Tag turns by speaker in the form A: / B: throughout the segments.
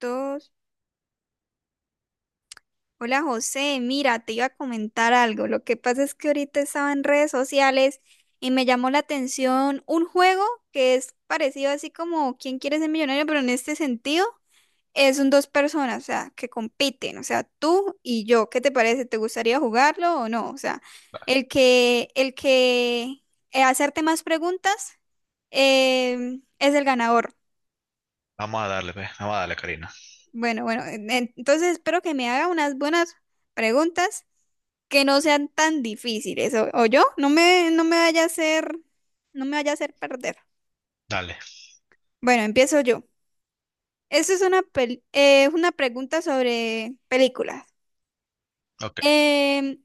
A: Dos. Hola José, mira, te iba a comentar algo. Lo que pasa es que ahorita estaba en redes sociales y me llamó la atención un juego que es parecido así como ¿Quién quiere ser millonario? Pero en este sentido es un dos personas, o sea, que compiten, o sea, tú y yo. ¿Qué te parece? ¿Te gustaría jugarlo o no? O sea, el que hacerte más preguntas, es el ganador.
B: Vamos a darle, pues. Vamos a darle, Karina.
A: Bueno, bueno, entonces espero que me haga unas buenas preguntas que no sean tan difíciles. O yo, no me vaya a hacer, no me vaya a hacer perder.
B: Dale.
A: Bueno, empiezo yo. Esta es una, una pregunta sobre películas.
B: Ok.
A: Em,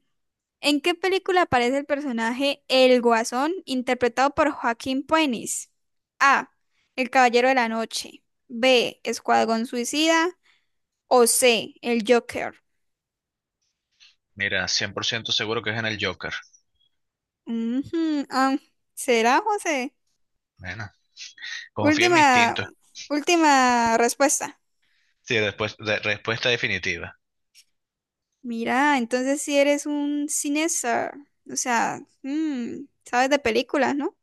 A: ¿En qué película aparece el personaje El Guasón, interpretado por Joaquín Phoenix? A. El Caballero de la Noche. B. Escuadrón Suicida. O C. El Joker.
B: Mira, 100% seguro que es en el Joker.
A: Ujú, ¿será, José?
B: Bueno, confío en mi
A: Última,
B: instinto.
A: última respuesta.
B: Sí, después, respuesta definitiva.
A: Mira, entonces si eres un cineasta, o sea, sabes de películas, ¿no?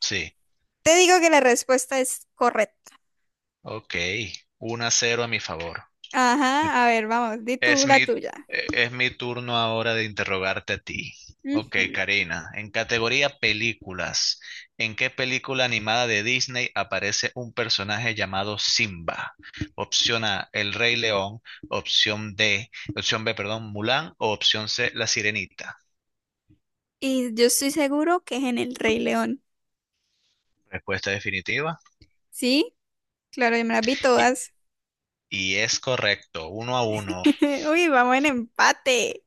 B: Sí.
A: Te digo que la respuesta es correcta.
B: Ok. 1-0 a mi favor.
A: Ajá, a ver, vamos, di tú
B: Es
A: la
B: mi,
A: tuya.
B: es mi turno ahora de interrogarte a ti. Ok,
A: Ujú.
B: Karina, en categoría películas, ¿en qué película animada de Disney aparece un personaje llamado Simba? Opción A, El Rey León, opción D, opción B, perdón, Mulan o opción C, La Sirenita.
A: Y yo estoy seguro que es en El Rey León.
B: Respuesta definitiva.
A: ¿Sí? Claro, yo me las vi
B: Y,
A: todas.
B: y es correcto, 1-1.
A: Uy, vamos en empate.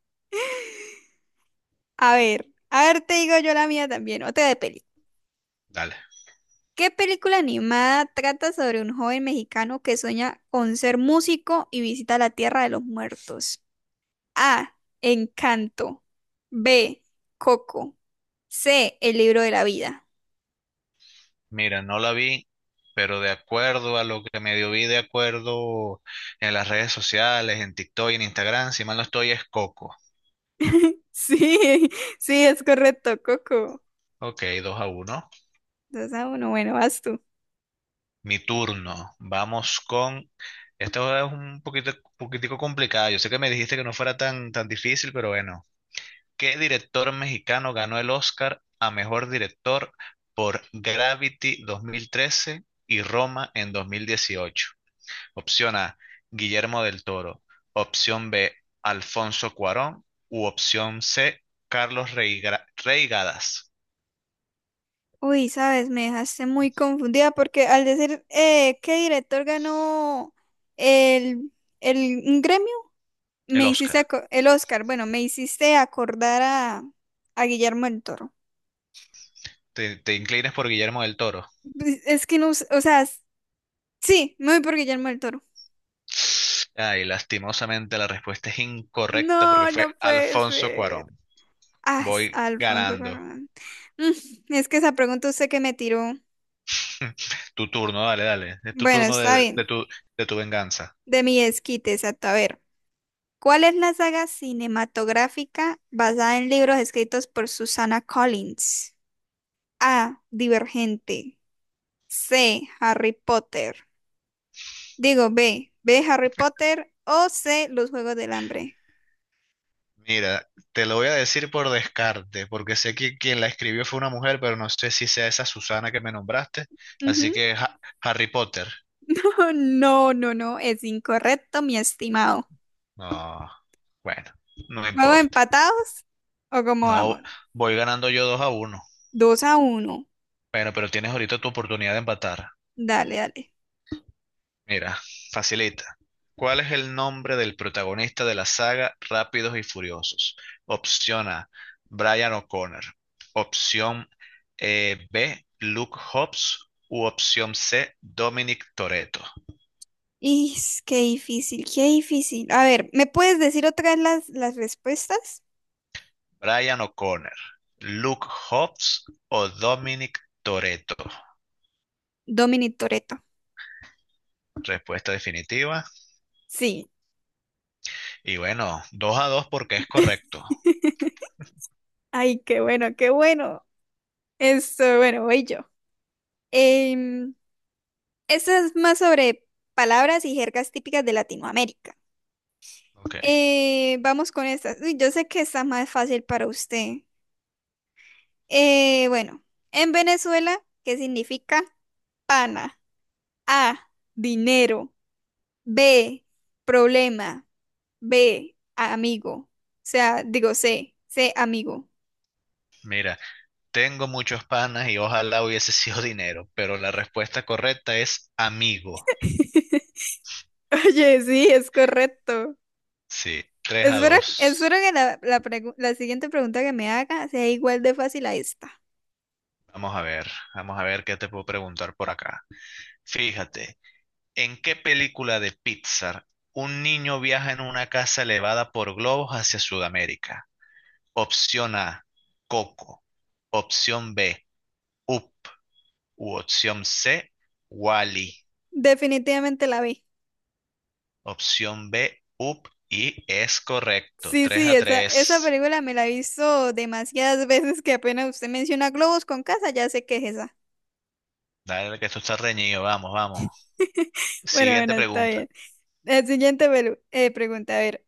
A: A ver, te digo yo la mía también, otra de peli.
B: Dale.
A: ¿Qué película animada trata sobre un joven mexicano que sueña con ser músico y visita la tierra de los muertos? A. Encanto. B. Coco. C. El libro de la vida.
B: Mira, no la vi, pero de acuerdo a lo que medio vi, de acuerdo en las redes sociales, en TikTok y en Instagram, si mal no estoy, es Coco.
A: Sí, sí, es correcto, Coco.
B: Ok, 2 a uno.
A: 2-1, bueno, vas tú.
B: Mi turno. Vamos con... Esto es un poquito, poquitico complicado. Yo sé que me dijiste que no fuera tan, tan difícil, pero bueno. ¿Qué director mexicano ganó el Oscar a mejor director por Gravity 2013 y Roma en 2018? Opción A, Guillermo del Toro. Opción B, Alfonso Cuarón. U opción C, Carlos Reigadas,
A: Uy, sabes, me dejaste muy confundida porque al decir qué director ganó el, el un gremio,
B: el Oscar.
A: el Oscar, bueno, me hiciste acordar a Guillermo del Toro.
B: ¿Te inclinas por Guillermo del Toro?
A: Es que no, o sea, sí, me voy por Guillermo del Toro.
B: Ay, lastimosamente la respuesta es incorrecta porque
A: No,
B: fue
A: no puede
B: Alfonso
A: ser.
B: Cuarón.
A: Ah,
B: Voy
A: Alfonso
B: ganando.
A: Cuarón. Mm, es que esa pregunta usted que me tiró.
B: Tu turno, dale, dale. Es tu
A: Bueno,
B: turno
A: está
B: de, de
A: bien.
B: tu, de tu venganza.
A: De mi esquite, exacto. A ver, ¿cuál es la saga cinematográfica basada en libros escritos por Susana Collins? A. Divergente. C. Harry Potter. Digo B. B. Harry Potter o C. Los Juegos del Hambre.
B: Mira, te lo voy a decir por descarte, porque sé que quien la escribió fue una mujer, pero no sé si sea esa Susana que me nombraste. Así que Harry Potter.
A: No, no, no, es incorrecto, mi estimado.
B: No, bueno, no
A: ¿Vamos
B: importa.
A: empatados o cómo
B: No,
A: vamos?
B: voy ganando yo 2-1.
A: 2-1.
B: Bueno, pero tienes ahorita tu oportunidad de empatar.
A: Dale, dale.
B: Mira, facilita. ¿Cuál es el nombre del protagonista de la saga Rápidos y Furiosos? Opción A, Brian O'Connor. Opción B, Luke Hobbs. U opción C, Dominic Toretto.
A: Is, qué difícil, qué difícil. A ver, ¿me puedes decir otra vez las respuestas?
B: Brian O'Connor, Luke Hobbs o Dominic Toretto.
A: Dominic Toretto.
B: Respuesta definitiva.
A: Sí.
B: Y bueno, 2-2 porque es correcto.
A: Ay, qué bueno, qué bueno. Esto, bueno, voy yo. Em, esto es más sobre palabras y jergas típicas de Latinoamérica.
B: Ok.
A: Vamos con estas. Uy, yo sé que está más fácil para usted. Bueno, en Venezuela, ¿qué significa pana? A, dinero. B, problema. B, amigo. O sea, digo C, C, amigo.
B: Mira, tengo muchos panas y ojalá hubiese sido dinero, pero la respuesta correcta es amigo.
A: Oye, sí, es correcto.
B: Sí, 3 a
A: Espero, espero
B: 2.
A: que la siguiente pregunta que me haga sea igual de fácil a esta.
B: Vamos a ver, vamos a ver qué te puedo preguntar por acá. Fíjate, ¿en qué película de Pixar un niño viaja en una casa elevada por globos hacia Sudamérica? Opción A, Coco. Opción B, Up. U opción C, Wally.
A: Definitivamente la vi.
B: Opción B, Up. Y es correcto,
A: Sí,
B: 3
A: sí,
B: a
A: esa
B: 3.
A: película me la he visto demasiadas veces que apenas usted menciona globos con casa, ya sé que es esa.
B: Dale, que esto está reñido. Vamos, vamos.
A: Bueno,
B: Siguiente
A: bueno, está
B: pregunta.
A: bien. La siguiente pregunta, a ver.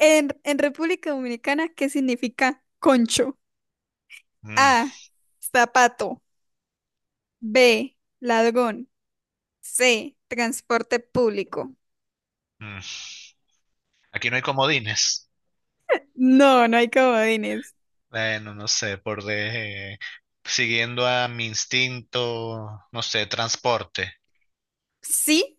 A: En República Dominicana, ¿qué significa concho?
B: Mm,
A: A, zapato. B, ladrón. C, transporte público.
B: mm. Aquí no hay comodines.
A: No, no hay comodines.
B: Bueno, no sé, siguiendo a mi instinto, no sé, transporte.
A: Sí,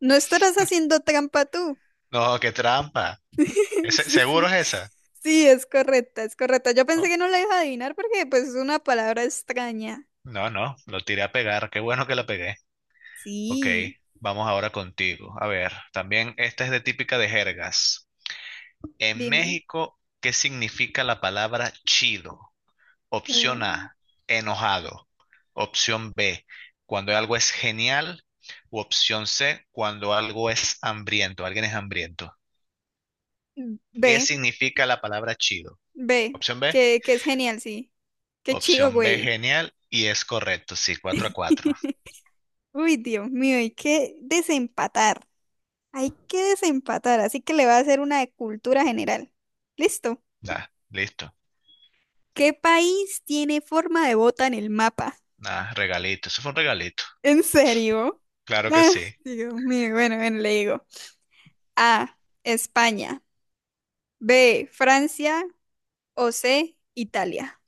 A: no estarás haciendo trampa tú.
B: No, qué trampa.
A: Sí,
B: ¿Seguro es
A: sí.
B: esa?
A: Sí, es correcta, es correcta. Yo
B: Oh,
A: pensé que no la iba a adivinar porque pues es una palabra extraña.
B: no, no, lo tiré a pegar. Qué bueno que la pegué. Ok,
A: Sí,
B: vamos ahora contigo. A ver, también esta es de típica de jergas. En
A: dime.
B: México, ¿qué significa la palabra chido? Opción
A: Mm,
B: A, enojado. Opción B, cuando algo es genial. U opción C, cuando algo es hambriento, alguien es hambriento. ¿Qué
A: B,
B: significa la palabra chido?
A: B,
B: Opción B,
A: que es genial, sí. Qué chido,
B: opción B,
A: güey.
B: genial. Y es correcto, sí, 4-4.
A: Uy, Dios mío, hay que desempatar. Hay que desempatar, así que le va a hacer una de cultura general. Listo.
B: Listo.
A: ¿Qué país tiene forma de bota en el mapa?
B: Nada, regalito. Eso fue un regalito.
A: ¿En serio?
B: Claro que
A: Ah,
B: sí.
A: Dios mío, bueno, bueno, le digo. A, España. B, Francia. O C, Italia.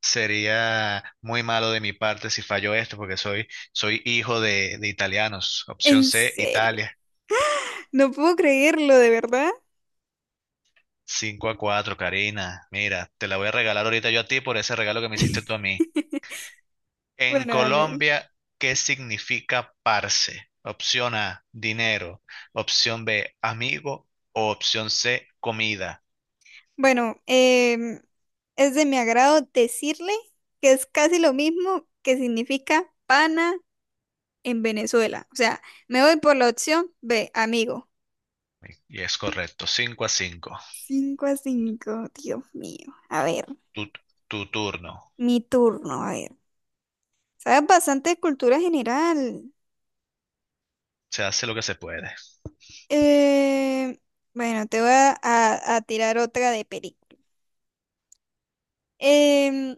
B: Sería muy malo de mi parte si fallo esto, porque soy hijo de italianos. Opción
A: ¿En
B: C,
A: serio?
B: Italia.
A: No puedo creerlo, de verdad.
B: 5-4, Karina. Mira, te la voy a regalar ahorita yo a ti por ese regalo que me hiciste tú a mí. En
A: Bueno, vale.
B: Colombia, ¿qué significa parce? Opción A, dinero. Opción B, amigo. O opción C, comida.
A: Bueno, es de mi agrado decirle que es casi lo mismo que significa pana en Venezuela. O sea, me voy por la opción B, amigo.
B: Y es correcto, 5-5.
A: 5-5, Dios mío. A ver,
B: Tu, tu turno.
A: mi turno, a ver. Sabes bastante de cultura general.
B: Se hace lo que se puede.
A: Eh, bueno, te voy a tirar otra de película. Em,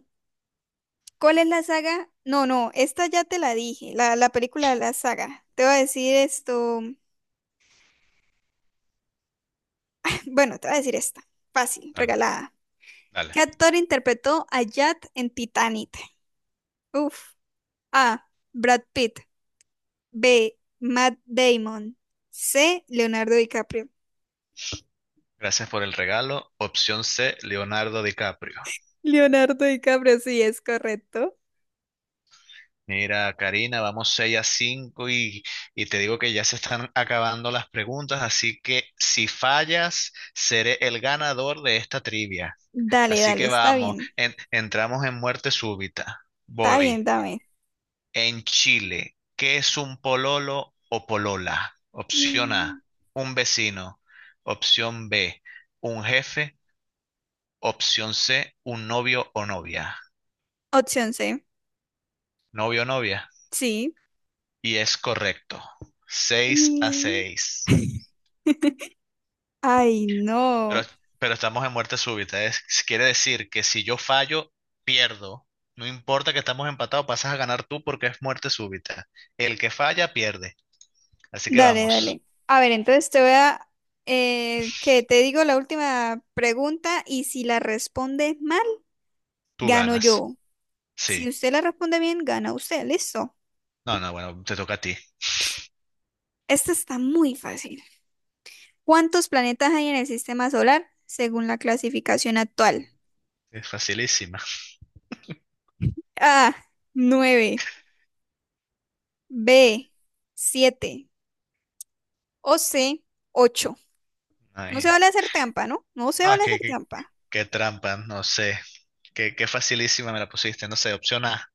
A: ¿Cuál es la saga? No, no, esta ya te la dije, la película de la saga. Te voy a decir esto. Bueno, te voy a decir esta. Fácil,
B: Dale,
A: regalada.
B: dale.
A: ¿Qué actor interpretó a Jack en Titanic? Uf. A. Brad Pitt. B. Matt Damon. C. Leonardo DiCaprio.
B: Gracias por el regalo. Opción C, Leonardo DiCaprio.
A: Leonardo DiCaprio, sí, es correcto.
B: Mira, Karina, vamos 6-5 y te digo que ya se están acabando las preguntas, así que si fallas, seré el ganador de esta trivia.
A: Dale,
B: Así
A: dale,
B: que
A: está
B: vamos,
A: bien.
B: entramos en muerte súbita.
A: Está bien,
B: Voy.
A: dame.
B: En Chile, ¿qué es un pololo o polola? Opción
A: Mm,
B: A, un vecino. Opción B, un jefe. Opción C, un novio o novia.
A: opción C.
B: Novio o novia.
A: Sí.
B: Y es correcto. Seis a
A: Mm,
B: seis.
A: Ay,
B: Pero,
A: no.
B: pero estamos en muerte súbita. Quiere decir que si yo fallo, pierdo. No importa que estamos empatados, pasas a ganar tú porque es muerte súbita. El que falla, pierde. Así que
A: Dale,
B: vamos,
A: dale. A ver, entonces te voy a... que te digo la última pregunta y si la respondes mal,
B: tú
A: gano
B: ganas.
A: yo. Si
B: Sí.
A: usted la responde bien, gana usted. Listo.
B: No, no, bueno, te toca a ti.
A: Esta está muy fácil. ¿Cuántos planetas hay en el sistema solar según la clasificación actual?
B: Es facilísima.
A: A, 9. B, 7. O C, 8. No se
B: Ay,
A: vale hacer trampa, ¿no? No se
B: no, es
A: vale hacer
B: que,
A: trampa.
B: qué trampa, no sé. Qué facilísima me la pusiste, no sé. Opción A,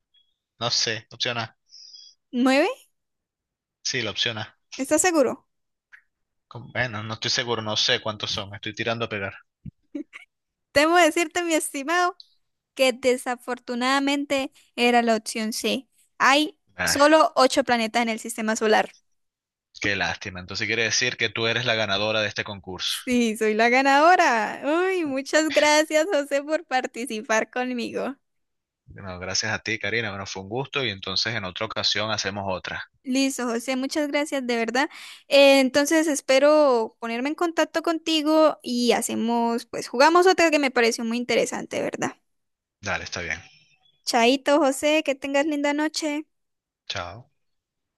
B: no sé. Opción A.
A: 9.
B: Sí, la opción A.
A: ¿Estás seguro?
B: Bueno, no estoy seguro, no sé cuántos son. Estoy tirando a pegar.
A: Temo decirte, mi estimado, que desafortunadamente era la opción C. Hay
B: Ay,
A: solo 8 planetas en el sistema solar.
B: qué lástima. Entonces quiere decir que tú eres la ganadora de este concurso.
A: Sí, soy la ganadora. Uy, muchas gracias, José, por participar conmigo.
B: Bueno, gracias a ti, Karina. Bueno, fue un gusto y entonces en otra ocasión hacemos otra.
A: Listo, José, muchas gracias, de verdad. Entonces espero ponerme en contacto contigo y hacemos, pues jugamos otra que me pareció muy interesante, de ¿verdad?
B: Dale, está bien.
A: Chaito, José, que tengas linda noche.
B: Chao.